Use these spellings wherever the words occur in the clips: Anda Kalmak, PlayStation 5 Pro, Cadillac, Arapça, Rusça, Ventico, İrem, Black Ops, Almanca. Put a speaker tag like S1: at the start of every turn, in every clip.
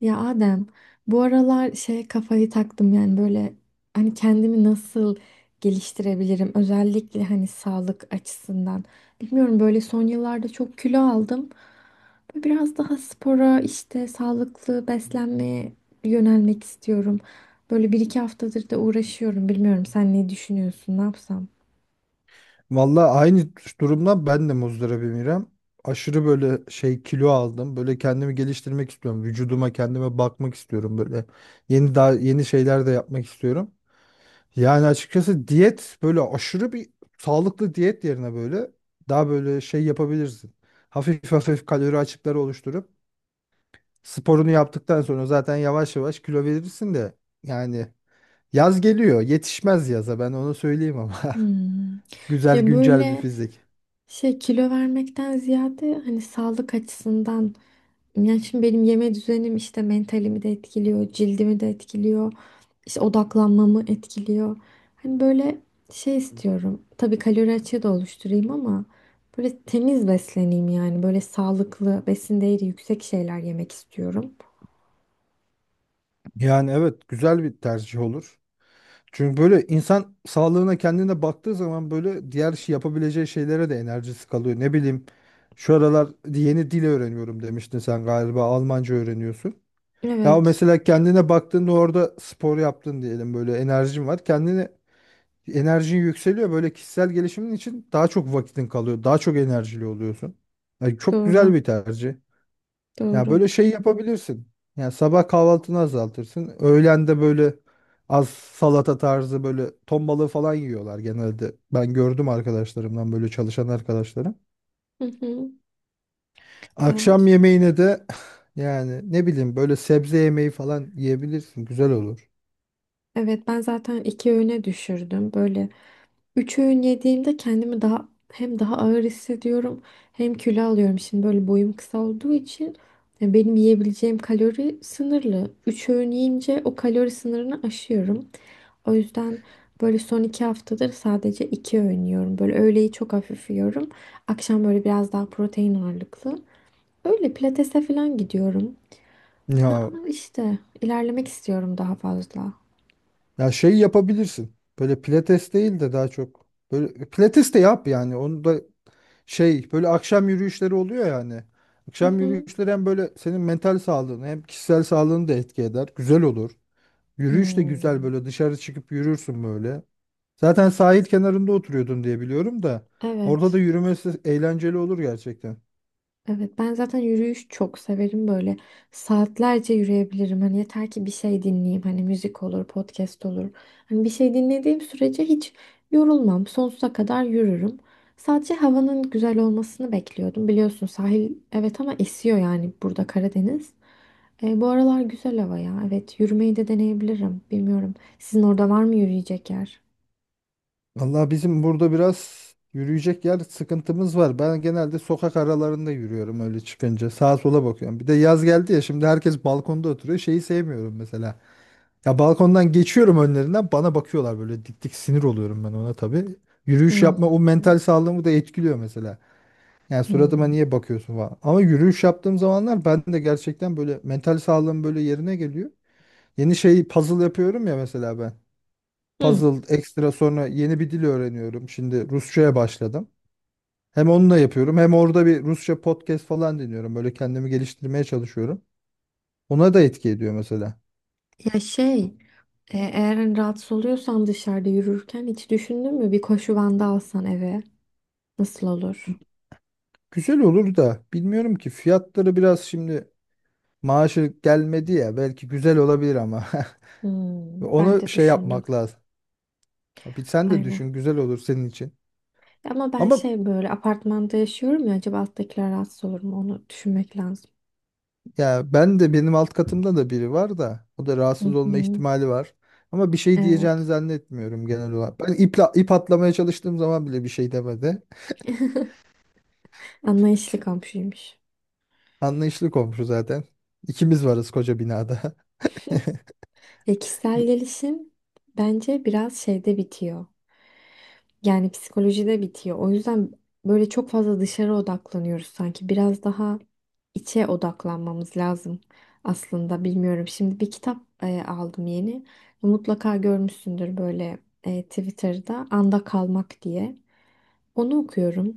S1: Ya Adem, bu aralar kafayı taktım, yani böyle hani kendimi nasıl geliştirebilirim, özellikle hani sağlık açısından. Bilmiyorum, böyle son yıllarda çok kilo aldım. Böyle biraz daha spora, işte sağlıklı beslenmeye yönelmek istiyorum. Böyle bir iki haftadır da uğraşıyorum. Bilmiyorum, sen ne düşünüyorsun, ne yapsam?
S2: Valla aynı durumdan ben de muzdaribim İrem. Aşırı böyle kilo aldım. Böyle kendimi geliştirmek istiyorum. Vücuduma kendime bakmak istiyorum böyle. Daha yeni şeyler de yapmak istiyorum. Yani açıkçası diyet böyle aşırı bir sağlıklı diyet yerine böyle daha böyle yapabilirsin. Hafif hafif kalori açıkları oluşturup sporunu yaptıktan sonra zaten yavaş yavaş kilo verirsin de yani yaz geliyor. Yetişmez yaza ben onu söyleyeyim ama.
S1: Hmm.
S2: Güzel
S1: Ya
S2: güncel bir
S1: böyle
S2: fizik.
S1: Kilo vermekten ziyade hani sağlık açısından, yani şimdi benim yeme düzenim işte mentalimi de etkiliyor, cildimi de etkiliyor, işte odaklanmamı etkiliyor. Hani böyle istiyorum. Tabii kalori açığı da oluşturayım ama böyle temiz besleneyim, yani böyle sağlıklı, besin değeri yüksek şeyler yemek istiyorum.
S2: Yani evet güzel bir tercih olur. Çünkü böyle insan sağlığına kendine baktığı zaman böyle diğer şey yapabileceği şeylere de enerjisi kalıyor. Ne bileyim şu aralar yeni dil öğreniyorum demiştin sen galiba, Almanca öğreniyorsun. Ya
S1: Evet,
S2: mesela kendine baktığında orada spor yaptın diyelim, böyle enerjin var. Kendine enerjin yükseliyor, böyle kişisel gelişimin için daha çok vakitin kalıyor. Daha çok enerjili oluyorsun. Yani çok güzel
S1: doğru,
S2: bir tercih. Ya
S1: doğru.
S2: böyle şey yapabilirsin. Yani sabah kahvaltını azaltırsın. Öğlen de böyle az salata tarzı, böyle ton balığı falan yiyorlar genelde. Ben gördüm arkadaşlarımdan, böyle çalışan arkadaşlarım.
S1: Hı hı. Ya,
S2: Akşam yemeğine de yani ne bileyim böyle sebze yemeği falan yiyebilirsin. Güzel olur.
S1: evet, ben zaten iki öğüne düşürdüm. Böyle üç öğün yediğimde kendimi daha hem daha ağır hissediyorum hem kilo alıyorum. Şimdi böyle boyum kısa olduğu için benim yiyebileceğim kalori sınırlı. Üç öğün yiyince o kalori sınırını aşıyorum. O yüzden böyle son iki haftadır sadece iki öğün yiyorum. Böyle öğleyi çok hafif yiyorum. Akşam böyle biraz daha protein ağırlıklı. Öyle pilatese falan gidiyorum. Ya
S2: Ya
S1: ama işte ilerlemek istiyorum, daha fazla.
S2: ya şey yapabilirsin. Böyle pilates değil de daha çok böyle pilates de yap, yani onu da. Böyle akşam yürüyüşleri oluyor yani.
S1: Hı
S2: Akşam
S1: hı.
S2: yürüyüşleri hem böyle senin mental sağlığını hem kişisel sağlığını da etki eder. Güzel olur. Yürüyüş de güzel,
S1: Hmm.
S2: böyle dışarı çıkıp yürürsün böyle. Zaten sahil kenarında oturuyordun diye biliyorum da. Orada da
S1: Evet.
S2: yürümesi eğlenceli olur gerçekten.
S1: Evet, ben zaten yürüyüş çok severim. Böyle saatlerce yürüyebilirim, hani yeter ki bir şey dinleyeyim, hani müzik olur, podcast olur, hani bir şey dinlediğim sürece hiç yorulmam, sonsuza kadar yürürüm. Sadece havanın güzel olmasını bekliyordum, biliyorsun sahil, evet ama esiyor, yani burada Karadeniz. E, bu aralar güzel hava ya, evet, yürümeyi de deneyebilirim. Bilmiyorum, sizin orada var mı yürüyecek yer?
S2: Vallahi bizim burada biraz yürüyecek yer sıkıntımız var. Ben genelde sokak aralarında yürüyorum öyle çıkınca. Sağa sola bakıyorum. Bir de yaz geldi ya, şimdi herkes balkonda oturuyor. Şeyi sevmiyorum mesela. Ya balkondan geçiyorum önlerinden, bana bakıyorlar böyle dik dik, sinir oluyorum ben ona tabii. Yürüyüş yapma o
S1: Hmm,
S2: mental sağlığımı da etkiliyor mesela. Yani suratıma
S1: hmm.
S2: niye bakıyorsun falan. Ama yürüyüş yaptığım zamanlar ben de gerçekten böyle mental sağlığım böyle yerine geliyor. Yeni şey puzzle yapıyorum ya mesela ben.
S1: Hı.
S2: Puzzle ekstra, sonra yeni bir dil öğreniyorum. Şimdi Rusça'ya başladım. Hem onunla yapıyorum hem orada bir Rusça podcast falan dinliyorum. Böyle kendimi geliştirmeye çalışıyorum. Ona da etki ediyor mesela.
S1: Ya eğer hani rahatsız oluyorsan dışarıda yürürken, hiç düşündün mü bir koşu bandı alsan eve, nasıl olur?
S2: Güzel olur da bilmiyorum ki fiyatları biraz şimdi. Maaşı gelmedi ya, belki güzel olabilir ama
S1: Hmm, ben
S2: onu
S1: de
S2: şey
S1: düşündüm.
S2: yapmak lazım. Bir sen de
S1: Aynen.
S2: düşün, güzel olur senin için.
S1: Ama ben
S2: Ama
S1: böyle apartmanda yaşıyorum ya, acaba alttakiler rahatsız olur mu, onu düşünmek lazım.
S2: ya ben de benim alt katımda da biri var da, o da
S1: Hı
S2: rahatsız olma
S1: hı.
S2: ihtimali var. Ama bir şey diyeceğini
S1: Evet.
S2: zannetmiyorum genel olarak. Ben ip atlamaya çalıştığım zaman bile bir şey demedi.
S1: Anlayışlı komşuymuş.
S2: Anlayışlı komşu zaten. İkimiz varız koca binada.
S1: Ya, kişisel
S2: Bu-
S1: gelişim bence biraz bitiyor. Yani psikolojide bitiyor. O yüzden böyle çok fazla dışarı odaklanıyoruz sanki. Biraz daha içe odaklanmamız lazım aslında. Bilmiyorum. Şimdi bir kitap aldım yeni. Mutlaka görmüşsündür böyle, Twitter'da Anda Kalmak diye. Onu okuyorum.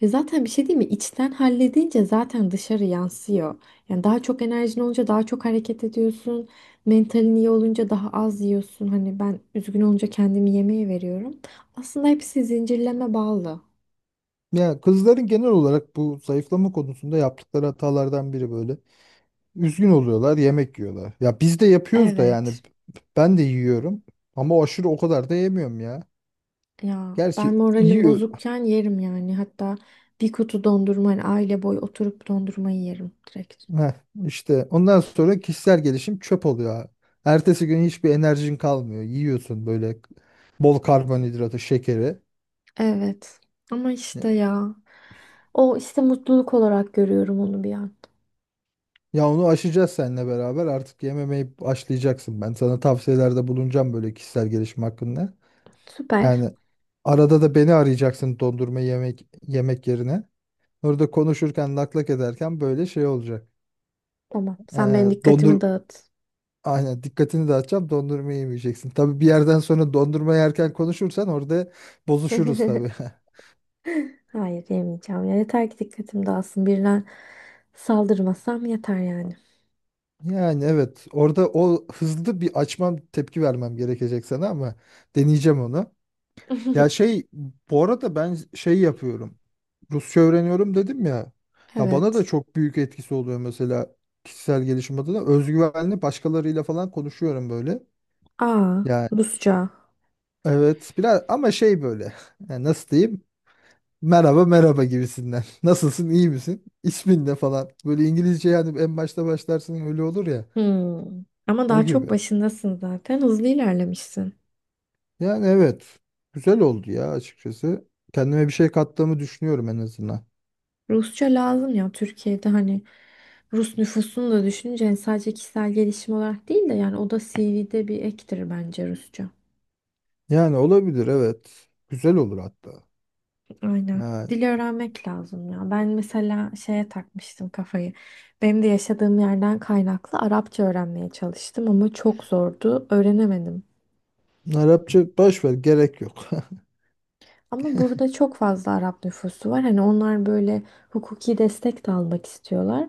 S1: Ya zaten bir şey değil mi? İçten halledince zaten dışarı yansıyor. Yani daha çok enerjin olunca daha çok hareket ediyorsun. Mentalin iyi olunca daha az yiyorsun. Hani ben üzgün olunca kendimi yemeğe veriyorum. Aslında hepsi zincirleme bağlı.
S2: Ya kızların genel olarak bu zayıflama konusunda yaptıkları hatalardan biri böyle. Üzgün oluyorlar, yemek yiyorlar. Ya biz de yapıyoruz da yani,
S1: Evet.
S2: ben de yiyorum ama aşırı o kadar da yemiyorum ya.
S1: Ya ben
S2: Gerçi
S1: moralim
S2: yiyor.
S1: bozukken yerim yani. Hatta bir kutu dondurma, hani aile boyu, oturup dondurmayı yerim direkt.
S2: Heh, işte ondan sonra kişisel gelişim çöp oluyor, ha. Ertesi gün hiçbir enerjin kalmıyor. Yiyorsun böyle bol karbonhidratı, şekeri.
S1: Evet. Ama işte ya. O işte, mutluluk olarak görüyorum onu bir an.
S2: Ya onu aşacağız seninle beraber. Artık yememeyi aşlayacaksın. Ben sana tavsiyelerde bulunacağım böyle kişisel gelişim hakkında.
S1: Süper.
S2: Yani arada da beni arayacaksın dondurma yemek yerine. Orada konuşurken laklak ederken böyle şey olacak.
S1: Tamam. Sen
S2: Ee,
S1: benim dikkatimi
S2: dondur
S1: dağıt.
S2: aynen dikkatini dağıtacağım, dondurma yemeyeceksin. Tabii bir yerden sonra dondurma yerken konuşursan orada bozuşuruz tabii.
S1: Hayır, yemeyeceğim. Ya yeter ki dikkatim dağılsın. Birine saldırmasam yeter yani.
S2: Yani evet, orada o hızlı bir açmam, tepki vermem gerekecek sana, ama deneyeceğim onu. Ya şey bu arada ben şey yapıyorum. Rusça öğreniyorum dedim ya. Ya bana da
S1: Evet.
S2: çok büyük etkisi oluyor mesela kişisel gelişim adına. Özgüvenli başkalarıyla falan konuşuyorum böyle.
S1: Aa,
S2: Yani
S1: Rusça.
S2: evet, biraz ama şey böyle, yani nasıl diyeyim, merhaba gibisinden nasılsın, iyi misin, ismin ne falan, böyle İngilizce yani en başta başlarsın öyle olur ya,
S1: Hmm. Ama
S2: o
S1: daha
S2: gibi.
S1: çok başındasın zaten. Hızlı ilerlemişsin.
S2: Yani evet, güzel oldu ya açıkçası, kendime bir şey kattığımı düşünüyorum en azından.
S1: Rusça lazım ya Türkiye'de, hani Rus nüfusunu da düşününce, hani sadece kişisel gelişim olarak değil de, yani o da CV'de bir ektir bence, Rusça.
S2: Yani olabilir evet, güzel olur hatta
S1: Aynen.
S2: yani.
S1: Dil öğrenmek lazım ya. Ben mesela takmıştım kafayı. Benim de yaşadığım yerden kaynaklı Arapça öğrenmeye çalıştım ama çok zordu. Öğrenemedim.
S2: Arapça boş ver, gerek yok.
S1: Ama burada çok fazla Arap nüfusu var. Hani onlar böyle hukuki destek de almak istiyorlar.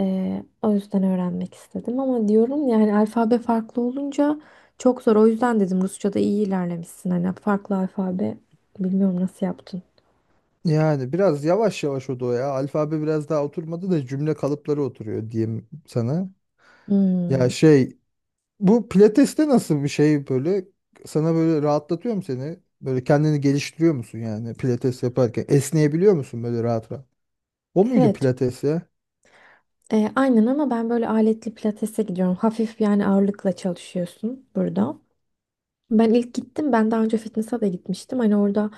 S1: O yüzden öğrenmek istedim ama diyorum, yani alfabe farklı olunca çok zor. O yüzden dedim Rusça'da iyi ilerlemişsin. Hani farklı alfabe, bilmiyorum nasıl yaptın.
S2: Yani biraz yavaş yavaş, o da o ya, alfabe biraz daha oturmadı da cümle kalıpları oturuyor diyeyim sana.
S1: Hmm.
S2: Ya şey, bu pilateste nasıl bir şey böyle, sana böyle rahatlatıyor mu seni? Böyle kendini geliştiriyor musun yani pilates yaparken? Esneyebiliyor musun böyle rahat rahat? O muydu
S1: Evet.
S2: pilates ya?
S1: Aynen, ama ben böyle aletli pilatese gidiyorum. Hafif, yani ağırlıkla çalışıyorsun burada. Ben ilk gittim. Ben daha önce fitness'a da gitmiştim. Hani orada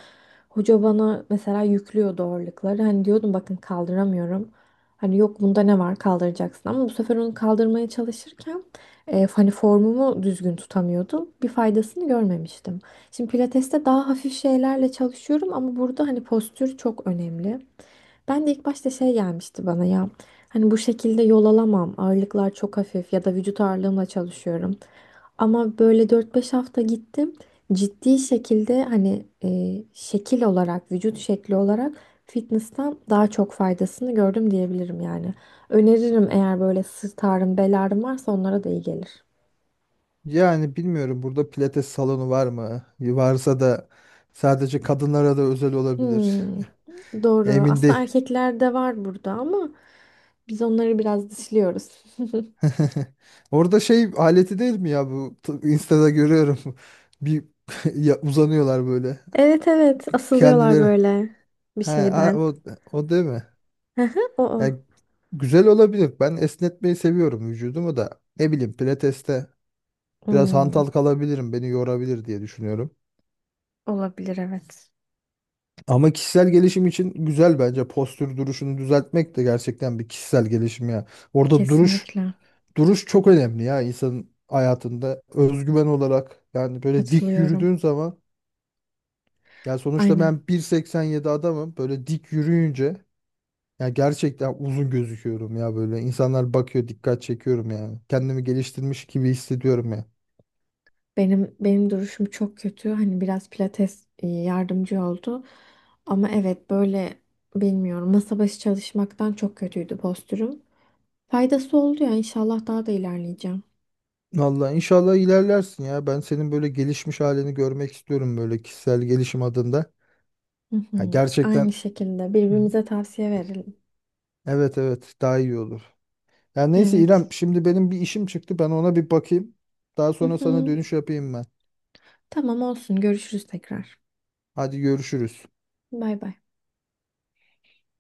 S1: hoca bana mesela yüklüyordu ağırlıkları. Hani diyordum bakın kaldıramıyorum. Hani yok bunda ne var, kaldıracaksın. Ama bu sefer onu kaldırmaya çalışırken hani formumu düzgün tutamıyordum. Bir faydasını görmemiştim. Şimdi pilateste daha hafif şeylerle çalışıyorum ama burada hani postür çok önemli. Ben de ilk başta gelmişti bana ya. Hani bu şekilde yol alamam, ağırlıklar çok hafif ya da vücut ağırlığımla çalışıyorum. Ama böyle 4 5 hafta gittim. Ciddi şekilde hani, şekil olarak, vücut şekli olarak, fitness'tan daha çok faydasını gördüm diyebilirim yani. Öneririm, eğer böyle sırt ağrım, bel ağrım varsa onlara da iyi gelir.
S2: Yani bilmiyorum burada pilates salonu var mı? Varsa da sadece kadınlara da özel olabilir.
S1: Hmm, doğru.
S2: Emin
S1: Aslında
S2: değil.
S1: erkeklerde var burada ama biz onları biraz dışlıyoruz.
S2: Orada şey aleti değil mi ya bu, Insta'da görüyorum. Bir uzanıyorlar böyle.
S1: Evet, evet, asılıyorlar
S2: Kendileri.
S1: böyle bir şeyden.
S2: O, o değil mi?
S1: Hı hı, o o.
S2: Yani güzel olabilir. Ben esnetmeyi seviyorum vücudumu da. Ne bileyim pilateste biraz
S1: Hmm,
S2: hantal kalabilirim. Beni yorabilir diye düşünüyorum.
S1: olabilir, evet.
S2: Ama kişisel gelişim için güzel bence. Postür duruşunu düzeltmek de gerçekten bir kişisel gelişim ya. Orada duruş
S1: Kesinlikle
S2: duruş çok önemli ya insanın hayatında. Özgüven olarak yani böyle dik
S1: katılıyorum.
S2: yürüdüğün zaman, yani sonuçta
S1: Aynen.
S2: ben 1,87 adamım. Böyle dik yürüyünce ya gerçekten uzun gözüküyorum ya böyle. İnsanlar bakıyor, dikkat çekiyorum yani. Kendimi geliştirmiş gibi hissediyorum ya.
S1: Benim duruşum çok kötü. Hani biraz pilates yardımcı oldu. Ama evet böyle, bilmiyorum, masa başı çalışmaktan çok kötüydü postürüm. Faydası oldu ya, inşallah daha da ilerleyeceğim.
S2: Vallahi inşallah ilerlersin ya. Ben senin böyle gelişmiş halini görmek istiyorum böyle kişisel gelişim adında.
S1: Hı
S2: Ya
S1: hı. Aynı
S2: gerçekten,
S1: şekilde birbirimize tavsiye verelim.
S2: evet evet, daha iyi olur. Ya neyse
S1: Evet.
S2: İrem, şimdi benim bir işim çıktı. Ben ona bir bakayım. Daha
S1: Hı
S2: sonra sana
S1: hı.
S2: dönüş yapayım ben.
S1: Tamam olsun. Görüşürüz tekrar.
S2: Hadi görüşürüz.
S1: Bay bay.